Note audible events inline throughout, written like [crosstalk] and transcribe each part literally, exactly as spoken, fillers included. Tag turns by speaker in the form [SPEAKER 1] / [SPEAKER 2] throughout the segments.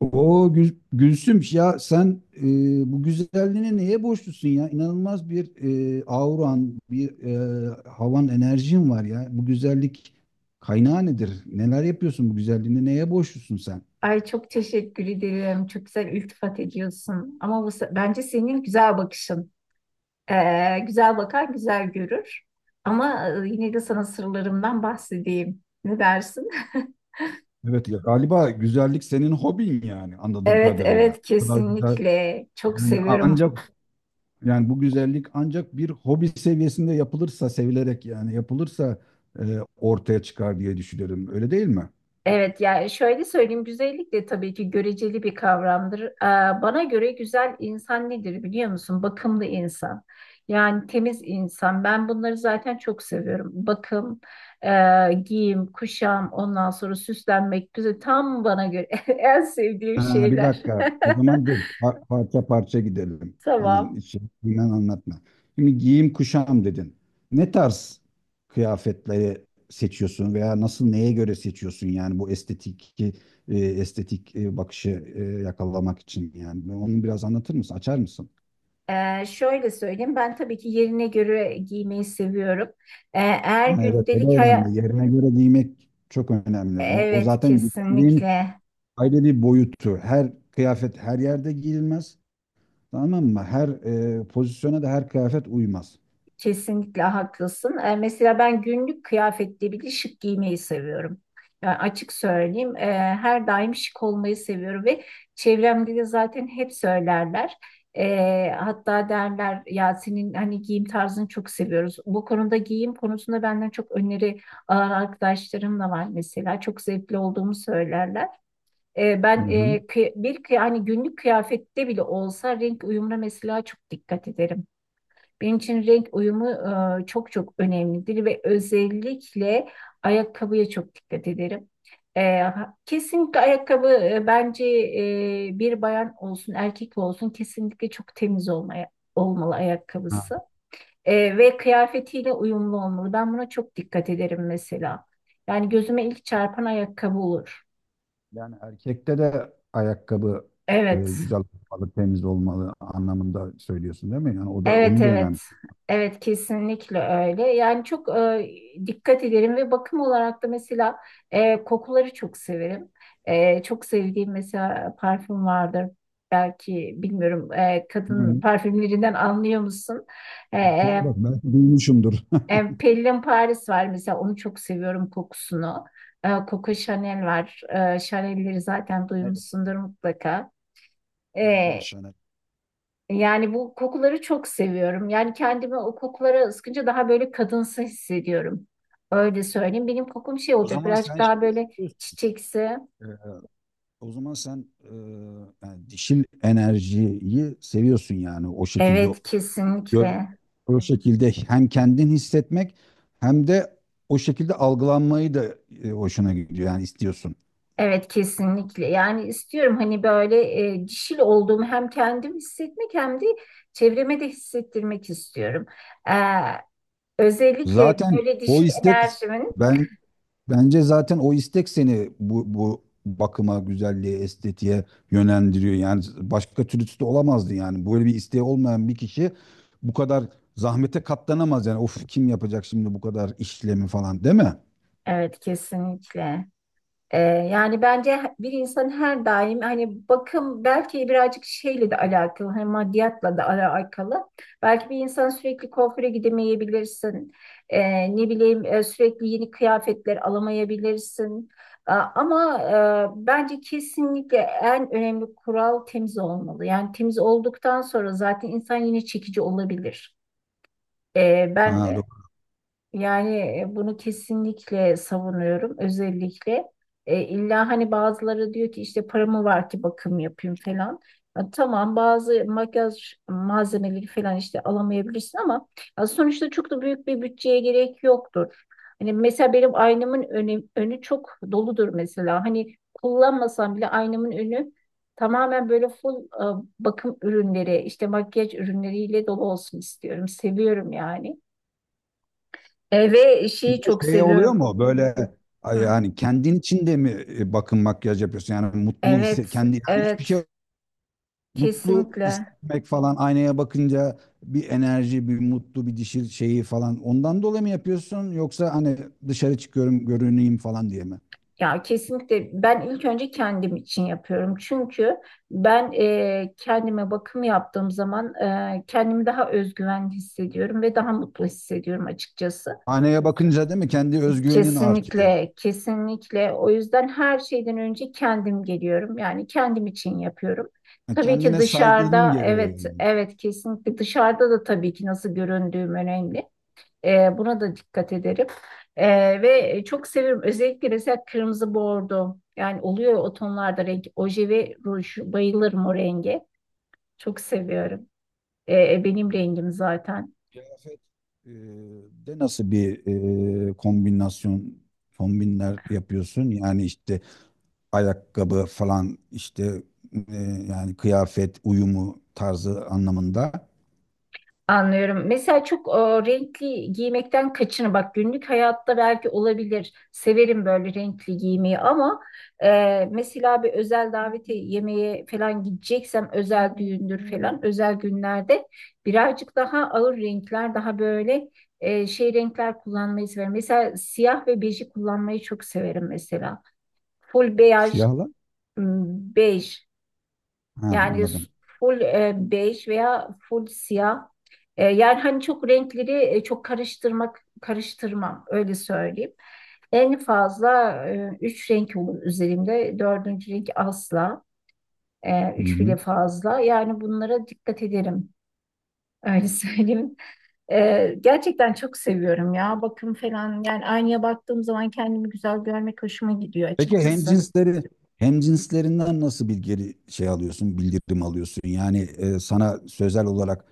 [SPEAKER 1] O Gülsüm ya sen e, bu güzelliğine neye borçlusun ya? İnanılmaz bir e, auran, bir e, havan, enerjin var ya. Bu güzellik kaynağı nedir? Neler yapıyorsun bu güzelliğine? Neye borçlusun sen?
[SPEAKER 2] Ay çok teşekkür ederim. Çok güzel iltifat ediyorsun. Ama bu, se- bence senin güzel bakışın. Ee, güzel bakan güzel görür. Ama e, yine de sana sırlarımdan bahsedeyim. Ne dersin? [laughs]
[SPEAKER 1] Evet ya galiba güzellik senin hobin yani anladığım
[SPEAKER 2] Evet,
[SPEAKER 1] kadarıyla.
[SPEAKER 2] evet,
[SPEAKER 1] Bu kadar güzel.
[SPEAKER 2] kesinlikle. Çok
[SPEAKER 1] Yani
[SPEAKER 2] seviyorum.
[SPEAKER 1] ancak yani bu güzellik ancak bir hobi seviyesinde yapılırsa sevilerek yani yapılırsa e, ortaya çıkar diye düşünüyorum. Öyle değil mi?
[SPEAKER 2] Evet, yani şöyle söyleyeyim, güzellik de tabii ki göreceli bir kavramdır. Ee, bana göre güzel insan nedir biliyor musun? Bakımlı insan. Yani temiz insan. Ben bunları zaten çok seviyorum. Bakım, e, giyim, kuşam, ondan sonra süslenmek güzel. Tam bana göre [laughs] en sevdiğim
[SPEAKER 1] Ha, bir
[SPEAKER 2] şeyler.
[SPEAKER 1] dakika. O zaman dur. Par- Parça parça gidelim.
[SPEAKER 2] [laughs]
[SPEAKER 1] Hemen
[SPEAKER 2] Tamam.
[SPEAKER 1] içinden anlatma. Şimdi giyim kuşam dedin. Ne tarz kıyafetleri seçiyorsun veya nasıl neye göre seçiyorsun yani bu estetik e, estetik e, bakışı e, yakalamak için yani onu biraz anlatır mısın? Açar mısın?
[SPEAKER 2] Ee, şöyle söyleyeyim. Ben tabii ki yerine göre giymeyi seviyorum. Ee, eğer
[SPEAKER 1] Ha, evet o da
[SPEAKER 2] gündelik hayat...
[SPEAKER 1] önemli. Yerine göre giymek çok önemli. O, o
[SPEAKER 2] Evet,
[SPEAKER 1] zaten güzelliğin
[SPEAKER 2] kesinlikle.
[SPEAKER 1] ayrı bir boyutu. Her kıyafet her yerde giyilmez. Tamam mı? Her e, pozisyona da her kıyafet uymaz.
[SPEAKER 2] Kesinlikle haklısın. E, mesela ben günlük kıyafette bile şık giymeyi seviyorum. Yani açık söyleyeyim, e, her daim şık olmayı seviyorum ve çevremde de zaten hep söylerler. E, hatta derler ya, senin hani giyim tarzını çok seviyoruz. Bu konuda, giyim konusunda benden çok öneri alan arkadaşlarım da var mesela. Çok zevkli olduğumu söylerler. E,
[SPEAKER 1] Hı
[SPEAKER 2] ben e,
[SPEAKER 1] hı.
[SPEAKER 2] kıy- bir kıy- hani günlük kıyafette bile olsa renk uyumuna mesela çok dikkat ederim. Benim için renk uyumu e, çok çok önemlidir ve özellikle ayakkabıya çok dikkat ederim. E, ha- kesinlikle ayakkabı, e, bence e, bir bayan olsun erkek olsun, kesinlikle çok temiz olmaya, olmalı
[SPEAKER 1] Ha,
[SPEAKER 2] ayakkabısı. E, ve kıyafetiyle uyumlu olmalı. Ben buna çok dikkat ederim mesela. Yani gözüme ilk çarpan ayakkabı olur.
[SPEAKER 1] yani erkekte de ayakkabı e,
[SPEAKER 2] Evet.
[SPEAKER 1] güzel olmalı, temiz olmalı anlamında söylüyorsun değil mi? Yani o da
[SPEAKER 2] Evet,
[SPEAKER 1] onu da
[SPEAKER 2] evet.
[SPEAKER 1] önemli.
[SPEAKER 2] Evet, kesinlikle öyle. Yani çok e, dikkat ederim ve bakım olarak da mesela e, kokuları çok severim. E, çok sevdiğim mesela parfüm vardır. Belki bilmiyorum, e, kadın
[SPEAKER 1] Hı.
[SPEAKER 2] parfümlerinden anlıyor musun? E,
[SPEAKER 1] Söyle
[SPEAKER 2] e,
[SPEAKER 1] bak belki duymuşumdur. [laughs]
[SPEAKER 2] e, Pellin Paris var mesela, onu çok seviyorum, kokusunu. E, Coco Chanel var. E, Chanel'leri zaten
[SPEAKER 1] Evet,
[SPEAKER 2] duymuşsundur mutlaka.
[SPEAKER 1] evet, evet, şahane.
[SPEAKER 2] Yani bu kokuları çok seviyorum. Yani kendimi o kokulara ıskınca daha böyle kadınsı hissediyorum. Öyle söyleyeyim. Benim kokum şey
[SPEAKER 1] O
[SPEAKER 2] olacak,
[SPEAKER 1] zaman sen
[SPEAKER 2] birazcık
[SPEAKER 1] şey
[SPEAKER 2] daha böyle
[SPEAKER 1] istiyorsun.
[SPEAKER 2] çiçeksi.
[SPEAKER 1] E, o zaman sen e, yani dişil enerjiyi seviyorsun yani o şekilde
[SPEAKER 2] Evet,
[SPEAKER 1] Gör,
[SPEAKER 2] kesinlikle.
[SPEAKER 1] o şekilde hem kendin hissetmek hem de o şekilde algılanmayı da e, hoşuna gidiyor yani istiyorsun.
[SPEAKER 2] Evet, kesinlikle. Yani istiyorum hani böyle e, dişil olduğumu hem kendim hissetmek hem de çevreme de hissettirmek istiyorum. Ee, özellikle
[SPEAKER 1] Zaten
[SPEAKER 2] böyle
[SPEAKER 1] o
[SPEAKER 2] dişil
[SPEAKER 1] istek
[SPEAKER 2] enerjimin.
[SPEAKER 1] ben Bence zaten o istek seni bu bu bakıma, güzelliğe, estetiğe yönlendiriyor. Yani başka türlüsü de olamazdı yani. Böyle bir isteği olmayan bir kişi bu kadar zahmete katlanamaz yani. Of kim yapacak şimdi bu kadar işlemi falan değil mi?
[SPEAKER 2] Evet, kesinlikle. Ee, yani bence bir insan her daim hani bakım belki birazcık şeyle de alakalı, hani maddiyatla da alakalı. Belki bir insan sürekli kuaföre gidemeyebilirsin. Ee, ne bileyim, e, sürekli yeni kıyafetler alamayabilirsin. A- Ama e, bence kesinlikle en önemli kural temiz olmalı. Yani temiz olduktan sonra zaten insan yine çekici olabilir. Ee, ben
[SPEAKER 1] Ha,
[SPEAKER 2] e, yani, e, bunu kesinlikle savunuyorum. Özellikle e, illa hani bazıları diyor ki, işte paramı var ki bakım yapayım falan. Ya tamam, bazı makyaj malzemeleri falan işte alamayabilirsin ama ya sonuçta çok da büyük bir bütçeye gerek yoktur. Hani mesela benim aynamın önü, önü çok doludur mesela. Hani kullanmasam bile aynamın önü tamamen böyle full e, bakım ürünleri, işte makyaj ürünleriyle dolu olsun istiyorum. Seviyorum yani. E, ve
[SPEAKER 1] bir
[SPEAKER 2] şeyi çok
[SPEAKER 1] de şey oluyor
[SPEAKER 2] seviyorum.
[SPEAKER 1] mu böyle ay,
[SPEAKER 2] Hı.
[SPEAKER 1] yani kendin için de mi e, bakım makyaj yapıyorsun? Yani mutlu hisse
[SPEAKER 2] Evet,
[SPEAKER 1] kendi yani hiçbir şey
[SPEAKER 2] evet,
[SPEAKER 1] mutlu
[SPEAKER 2] kesinlikle.
[SPEAKER 1] hissetmek falan aynaya bakınca bir enerji, bir mutlu bir dişil şeyi falan ondan dolayı mı yapıyorsun yoksa hani dışarı çıkıyorum görüneyim falan diye mi?
[SPEAKER 2] Ya kesinlikle, ben ilk önce kendim için yapıyorum. Çünkü ben e, kendime bakım yaptığım zaman e, kendimi daha özgüven hissediyorum ve daha mutlu hissediyorum açıkçası.
[SPEAKER 1] Aynaya bakınca değil mi kendi özgüvenin artıyor.
[SPEAKER 2] Kesinlikle, kesinlikle. O yüzden her şeyden önce kendim geliyorum. Yani kendim için yapıyorum.
[SPEAKER 1] Yani
[SPEAKER 2] Tabii ki
[SPEAKER 1] kendine saygının
[SPEAKER 2] dışarıda,
[SPEAKER 1] gereği
[SPEAKER 2] evet,
[SPEAKER 1] yani.
[SPEAKER 2] evet, kesinlikle dışarıda da tabii ki nasıl göründüğüm önemli. E, buna da dikkat ederim. E, ve e, çok severim. Özellikle mesela kırmızı bordo. Yani oluyor o tonlarda renk. Oje ve ruj. Bayılırım o renge. Çok seviyorum. E, benim rengim zaten.
[SPEAKER 1] Kıyafet e, de nasıl bir e, kombinasyon kombinler yapıyorsun? Yani işte ayakkabı falan işte e, yani kıyafet uyumu tarzı anlamında.
[SPEAKER 2] Anlıyorum. Mesela çok e, renkli giymekten kaçının. Bak, günlük hayatta belki olabilir. Severim böyle renkli giymeyi ama e, mesela bir özel davete, yemeğe falan gideceksem, özel düğündür falan, özel günlerde birazcık daha ağır renkler, daha böyle e, şey renkler kullanmayı severim. Mesela siyah ve beji kullanmayı çok severim mesela. Full beyaz,
[SPEAKER 1] Siyahla?
[SPEAKER 2] m, bej.
[SPEAKER 1] Ha,
[SPEAKER 2] Yani s-
[SPEAKER 1] anladım.
[SPEAKER 2] full e, bej veya full siyah. E, yani hani çok renkleri e, çok karıştırmak karıştırmam, öyle söyleyeyim. En fazla e, üç renk olur üzerimde. Dördüncü renk asla. E,
[SPEAKER 1] Hı
[SPEAKER 2] üç bile
[SPEAKER 1] hı.
[SPEAKER 2] fazla. Yani bunlara dikkat ederim. Öyle [laughs] söyleyeyim. E, gerçekten çok seviyorum ya. Bakım falan. Yani aynaya baktığım zaman kendimi güzel görmek hoşuma gidiyor
[SPEAKER 1] Peki
[SPEAKER 2] açıkçası.
[SPEAKER 1] hemcinsleri hemcinslerinden nasıl bir geri şey alıyorsun, bildirim alıyorsun? Yani e, sana sözel olarak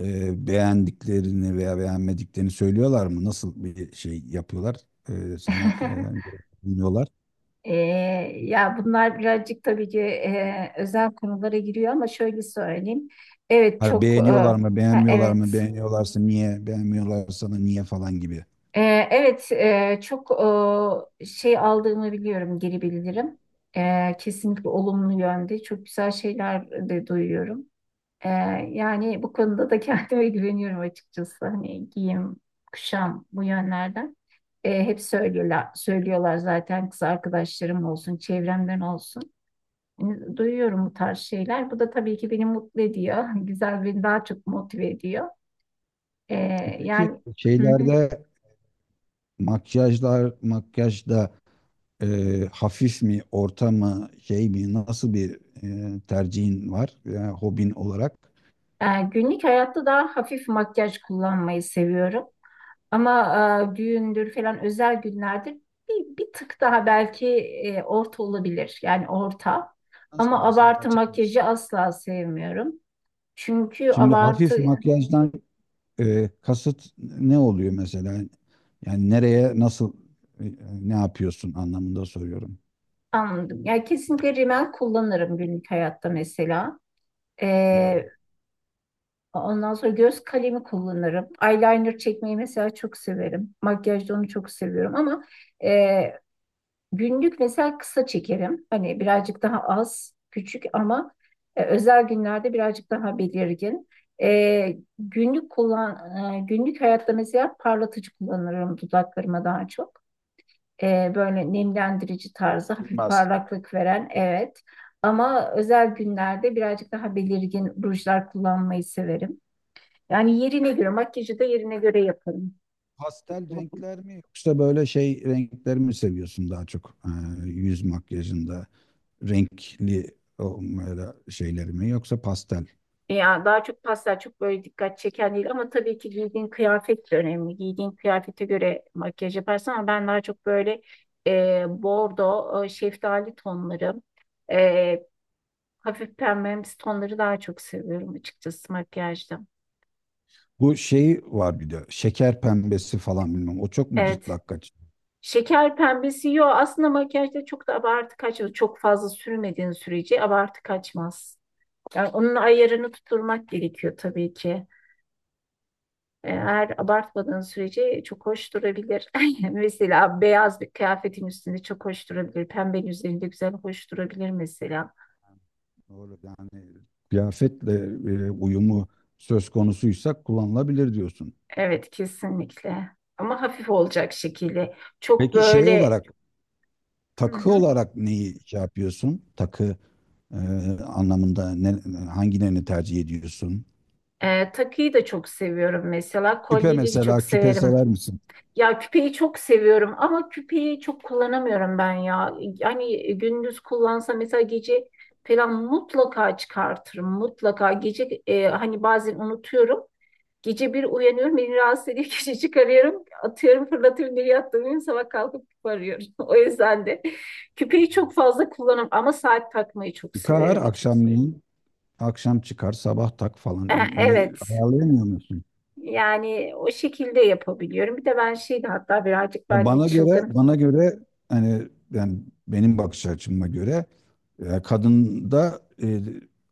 [SPEAKER 1] e, beğendiklerini veya beğenmediklerini söylüyorlar mı? Nasıl bir şey yapıyorlar? E, sana
[SPEAKER 2] [laughs]
[SPEAKER 1] e, dinliyorlar.
[SPEAKER 2] Ee, ya bunlar birazcık tabii ki e, özel konulara giriyor ama şöyle söyleyeyim. Evet,
[SPEAKER 1] Ha,
[SPEAKER 2] çok e,
[SPEAKER 1] beğeniyorlar
[SPEAKER 2] ha,
[SPEAKER 1] mı, beğenmiyorlar
[SPEAKER 2] evet.
[SPEAKER 1] mı? Beğeniyorlarsa niye, beğenmiyorlarsa da niye falan gibi.
[SPEAKER 2] E, evet, e, çok e, şey aldığımı biliyorum, geri bildirim. E, kesinlikle olumlu yönde çok güzel şeyler de duyuyorum. E, yani bu konuda da kendime [laughs] güveniyorum açıkçası. Hani giyim, kuşam, bu yönlerden. E, hep söylüyorlar, söylüyorlar zaten, kız arkadaşlarım olsun, çevremden olsun. E, Duyuyorum bu tarz şeyler. Bu da tabii ki beni mutlu ediyor. [laughs] Güzel, beni daha çok motive ediyor. E,
[SPEAKER 1] E peki
[SPEAKER 2] yani, hı hı.
[SPEAKER 1] şeylerde makyajlar, makyajda e, hafif mi, orta mı, şey mi, nasıl bir e, tercihin var, yani hobin olarak?
[SPEAKER 2] E, günlük hayatta daha hafif makyaj kullanmayı seviyorum. Ama e, düğündür falan, özel günlerde bir, bir tık daha belki e, orta olabilir. Yani orta.
[SPEAKER 1] Nasıl
[SPEAKER 2] Ama
[SPEAKER 1] mesela
[SPEAKER 2] abartı
[SPEAKER 1] açar
[SPEAKER 2] makyajı
[SPEAKER 1] mısın?
[SPEAKER 2] asla sevmiyorum. Çünkü
[SPEAKER 1] Şimdi
[SPEAKER 2] abartı...
[SPEAKER 1] hafif makyajdan e, kasıt ne oluyor mesela? Yani nereye, nasıl, e, ne yapıyorsun anlamında soruyorum.
[SPEAKER 2] Anladım. Yani kesinlikle rimel kullanırım günlük hayatta mesela. Ee,
[SPEAKER 1] Ha,
[SPEAKER 2] Ondan sonra göz kalemi kullanırım. Eyeliner çekmeyi mesela çok severim. Makyajda onu çok seviyorum ama e, günlük mesela kısa çekerim. Hani birazcık daha az, küçük ama e, özel günlerde birazcık daha belirgin. E, günlük kullan, e, günlük hayatta mesela parlatıcı kullanırım dudaklarıma daha çok. E, böyle nemlendirici tarzı, hafif
[SPEAKER 1] bilmez.
[SPEAKER 2] parlaklık veren, evet. Ama özel günlerde birazcık daha belirgin rujlar kullanmayı severim. Yani yerine göre makyajı da yerine göre yaparım.
[SPEAKER 1] Pastel renkler mi yoksa böyle şey renkleri mi seviyorsun daha çok? Ee, yüz makyajında renkli o, böyle şeyleri mi yoksa pastel?
[SPEAKER 2] Ya daha çok pastel, çok böyle dikkat çeken değil, ama tabii ki giydiğin kıyafet de önemli. Giydiğin kıyafete göre makyaj yaparsın ama ben daha çok böyle e, bordo, e, şeftali tonları, e, hafif pembemsi tonları daha çok seviyorum açıkçası, makyajda.
[SPEAKER 1] Bu şeyi var bir de şeker pembesi falan bilmem o çok mu
[SPEAKER 2] Evet.
[SPEAKER 1] cırtlak kaçıyor?
[SPEAKER 2] Şeker pembesi yok. Aslında makyajda çok da abartı kaçmaz. Çok fazla sürmediğin sürece abartı kaçmaz. Yani onun ayarını tutturmak gerekiyor tabii ki. Eğer abartmadığın sürece çok hoş durabilir. [laughs] Mesela beyaz bir kıyafetin üstünde çok hoş durabilir. Pembenin üzerinde güzel hoş durabilir mesela.
[SPEAKER 1] Doğru yani kıyafetle e, uyumu söz konusuysa kullanılabilir diyorsun.
[SPEAKER 2] Evet, kesinlikle. Ama hafif olacak şekilde. Çok
[SPEAKER 1] Peki şey
[SPEAKER 2] böyle...
[SPEAKER 1] olarak
[SPEAKER 2] Hı
[SPEAKER 1] takı
[SPEAKER 2] hı.
[SPEAKER 1] olarak neyi şey yapıyorsun? Takı e, anlamında ne, hangilerini tercih ediyorsun?
[SPEAKER 2] Ee, takıyı da çok seviyorum mesela.
[SPEAKER 1] Küpe
[SPEAKER 2] Kolyeleri çok
[SPEAKER 1] mesela küpe
[SPEAKER 2] severim.
[SPEAKER 1] sever misin?
[SPEAKER 2] Ya küpeyi çok seviyorum ama küpeyi çok kullanamıyorum ben ya. Yani gündüz kullansa mesela gece falan mutlaka çıkartırım. Mutlaka gece e, hani bazen unutuyorum. Gece bir uyanıyorum, beni rahatsız ediyor. [laughs] Gece çıkarıyorum, atıyorum, fırlatıyorum, bir yattığım sabah kalkıp küpe arıyorum. [laughs] O yüzden de küpeyi çok fazla kullanırım ama saat takmayı çok
[SPEAKER 1] Çıkar
[SPEAKER 2] severim.
[SPEAKER 1] akşamleyin akşam çıkar sabah tak
[SPEAKER 2] E,
[SPEAKER 1] falan onu
[SPEAKER 2] Evet,
[SPEAKER 1] ayarlayamıyor musun?
[SPEAKER 2] yani o şekilde yapabiliyorum. Bir de ben şeydi hatta, birazcık
[SPEAKER 1] Ya
[SPEAKER 2] ben de
[SPEAKER 1] Bana göre
[SPEAKER 2] çılgın.
[SPEAKER 1] bana göre hani yani benim bakış açıma göre e, kadında e,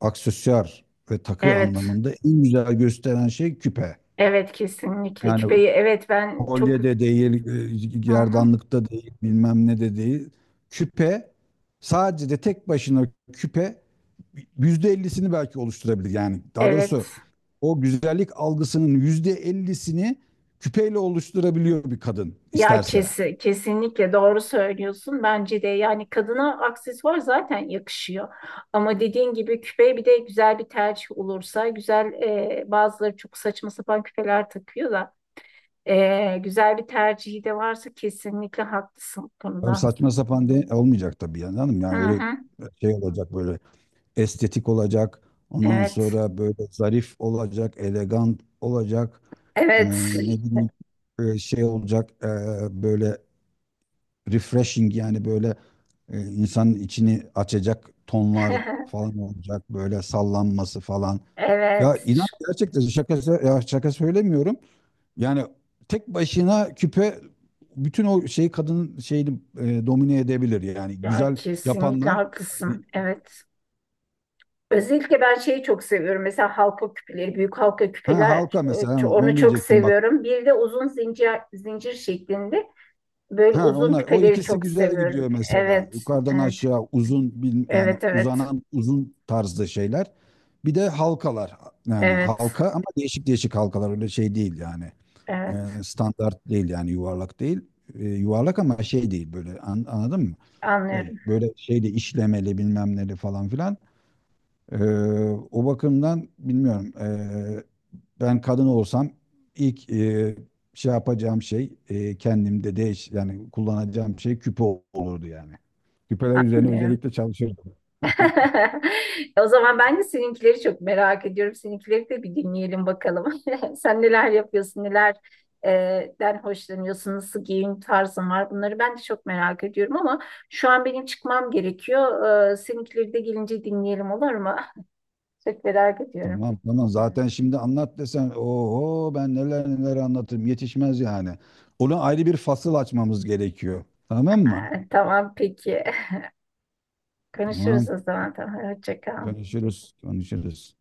[SPEAKER 1] aksesuar ve takı
[SPEAKER 2] Evet,
[SPEAKER 1] anlamında en güzel gösteren şey küpe.
[SPEAKER 2] evet, kesinlikle,
[SPEAKER 1] Yani
[SPEAKER 2] küpeyi. Evet, ben çok...
[SPEAKER 1] kolye de değil, e,
[SPEAKER 2] Hı hı,
[SPEAKER 1] gerdanlıkta değil, bilmem ne de değil. Küpe sadece de tek başına küpe yüzde ellisini belki oluşturabilir. Yani daha
[SPEAKER 2] evet.
[SPEAKER 1] doğrusu o güzellik algısının yüzde ellisini küpeyle oluşturabiliyor bir kadın
[SPEAKER 2] Ya
[SPEAKER 1] isterse.
[SPEAKER 2] kesin, kesinlikle doğru söylüyorsun. Bence de, yani kadına aksesuar zaten yakışıyor. Ama dediğin gibi küpe bir de güzel bir tercih olursa güzel. e, bazıları çok saçma sapan küpeler takıyor da e, güzel bir tercihi de varsa kesinlikle haklısın
[SPEAKER 1] Abi
[SPEAKER 2] bunda.
[SPEAKER 1] saçma sapan de olmayacak tabii yani hanım.
[SPEAKER 2] Hı
[SPEAKER 1] Yani öyle
[SPEAKER 2] hı.
[SPEAKER 1] şey olacak böyle estetik olacak. Ondan
[SPEAKER 2] Evet.
[SPEAKER 1] sonra böyle zarif olacak, elegant olacak. Ee,
[SPEAKER 2] Evet.
[SPEAKER 1] ne bileyim e, şey olacak e, böyle refreshing yani böyle e, insanın içini açacak tonlar
[SPEAKER 2] [laughs]
[SPEAKER 1] falan olacak. Böyle sallanması falan. Ya
[SPEAKER 2] Evet.
[SPEAKER 1] inan gerçekten şaka, sö- ya şaka söylemiyorum. Yani tek başına küpe bütün o şeyi kadının şeyini e, domine edebilir. Yani
[SPEAKER 2] Ya
[SPEAKER 1] güzel
[SPEAKER 2] kesinlikle
[SPEAKER 1] yapanlar
[SPEAKER 2] haklısın. Evet. Özellikle ben şeyi çok seviyorum. Mesela halka küpeleri, büyük halka
[SPEAKER 1] ha
[SPEAKER 2] küpeler,
[SPEAKER 1] halka mesela ha,
[SPEAKER 2] e, onu
[SPEAKER 1] onu
[SPEAKER 2] çok
[SPEAKER 1] diyecektim bak.
[SPEAKER 2] seviyorum. Bir de uzun, zincir zincir şeklinde böyle
[SPEAKER 1] Ha
[SPEAKER 2] uzun
[SPEAKER 1] onlar o
[SPEAKER 2] küpeleri
[SPEAKER 1] ikisi
[SPEAKER 2] çok
[SPEAKER 1] güzel
[SPEAKER 2] seviyorum.
[SPEAKER 1] gidiyor mesela.
[SPEAKER 2] Evet,
[SPEAKER 1] Yukarıdan
[SPEAKER 2] evet,
[SPEAKER 1] aşağı uzun bil- yani
[SPEAKER 2] evet, evet,
[SPEAKER 1] uzanan uzun tarzda şeyler. Bir de halkalar yani
[SPEAKER 2] evet,
[SPEAKER 1] halka ama değişik değişik halkalar öyle şey değil yani. E,
[SPEAKER 2] evet.
[SPEAKER 1] standart değil yani yuvarlak değil. E, yuvarlak ama şey değil böyle an- anladın mı? E,
[SPEAKER 2] Anlıyorum,
[SPEAKER 1] böyle şeyde işlemeli bilmem neli falan filan. Ee, o bakımdan bilmiyorum. Ee, ben kadın olsam ilk e, şey yapacağım şey e, kendimde değiş yani kullanacağım şey küpe olurdu yani. Küpeler üzerine
[SPEAKER 2] anlıyorum.
[SPEAKER 1] özellikle çalışırdım.
[SPEAKER 2] [laughs] O zaman ben de seninkileri çok merak ediyorum. Seninkileri de bir dinleyelim bakalım. [laughs] Sen neler yapıyorsun, neler e, den hoşlanıyorsun, nasıl giyim tarzın var. Bunları ben de çok merak ediyorum ama şu an benim çıkmam gerekiyor. E, seninkileri de gelince dinleyelim, olur mu? [laughs] Çok merak ediyorum.
[SPEAKER 1] Tamam, tamam, zaten şimdi anlat desen oho ben neler neler anlatırım yetişmez yani. Ona ayrı bir fasıl açmamız gerekiyor. Tamam mı?
[SPEAKER 2] E, tamam, peki. [laughs] Konuşuruz
[SPEAKER 1] Tamam.
[SPEAKER 2] o zaman. Tamam, hoşça kal.
[SPEAKER 1] Konuşuruz, konuşuruz.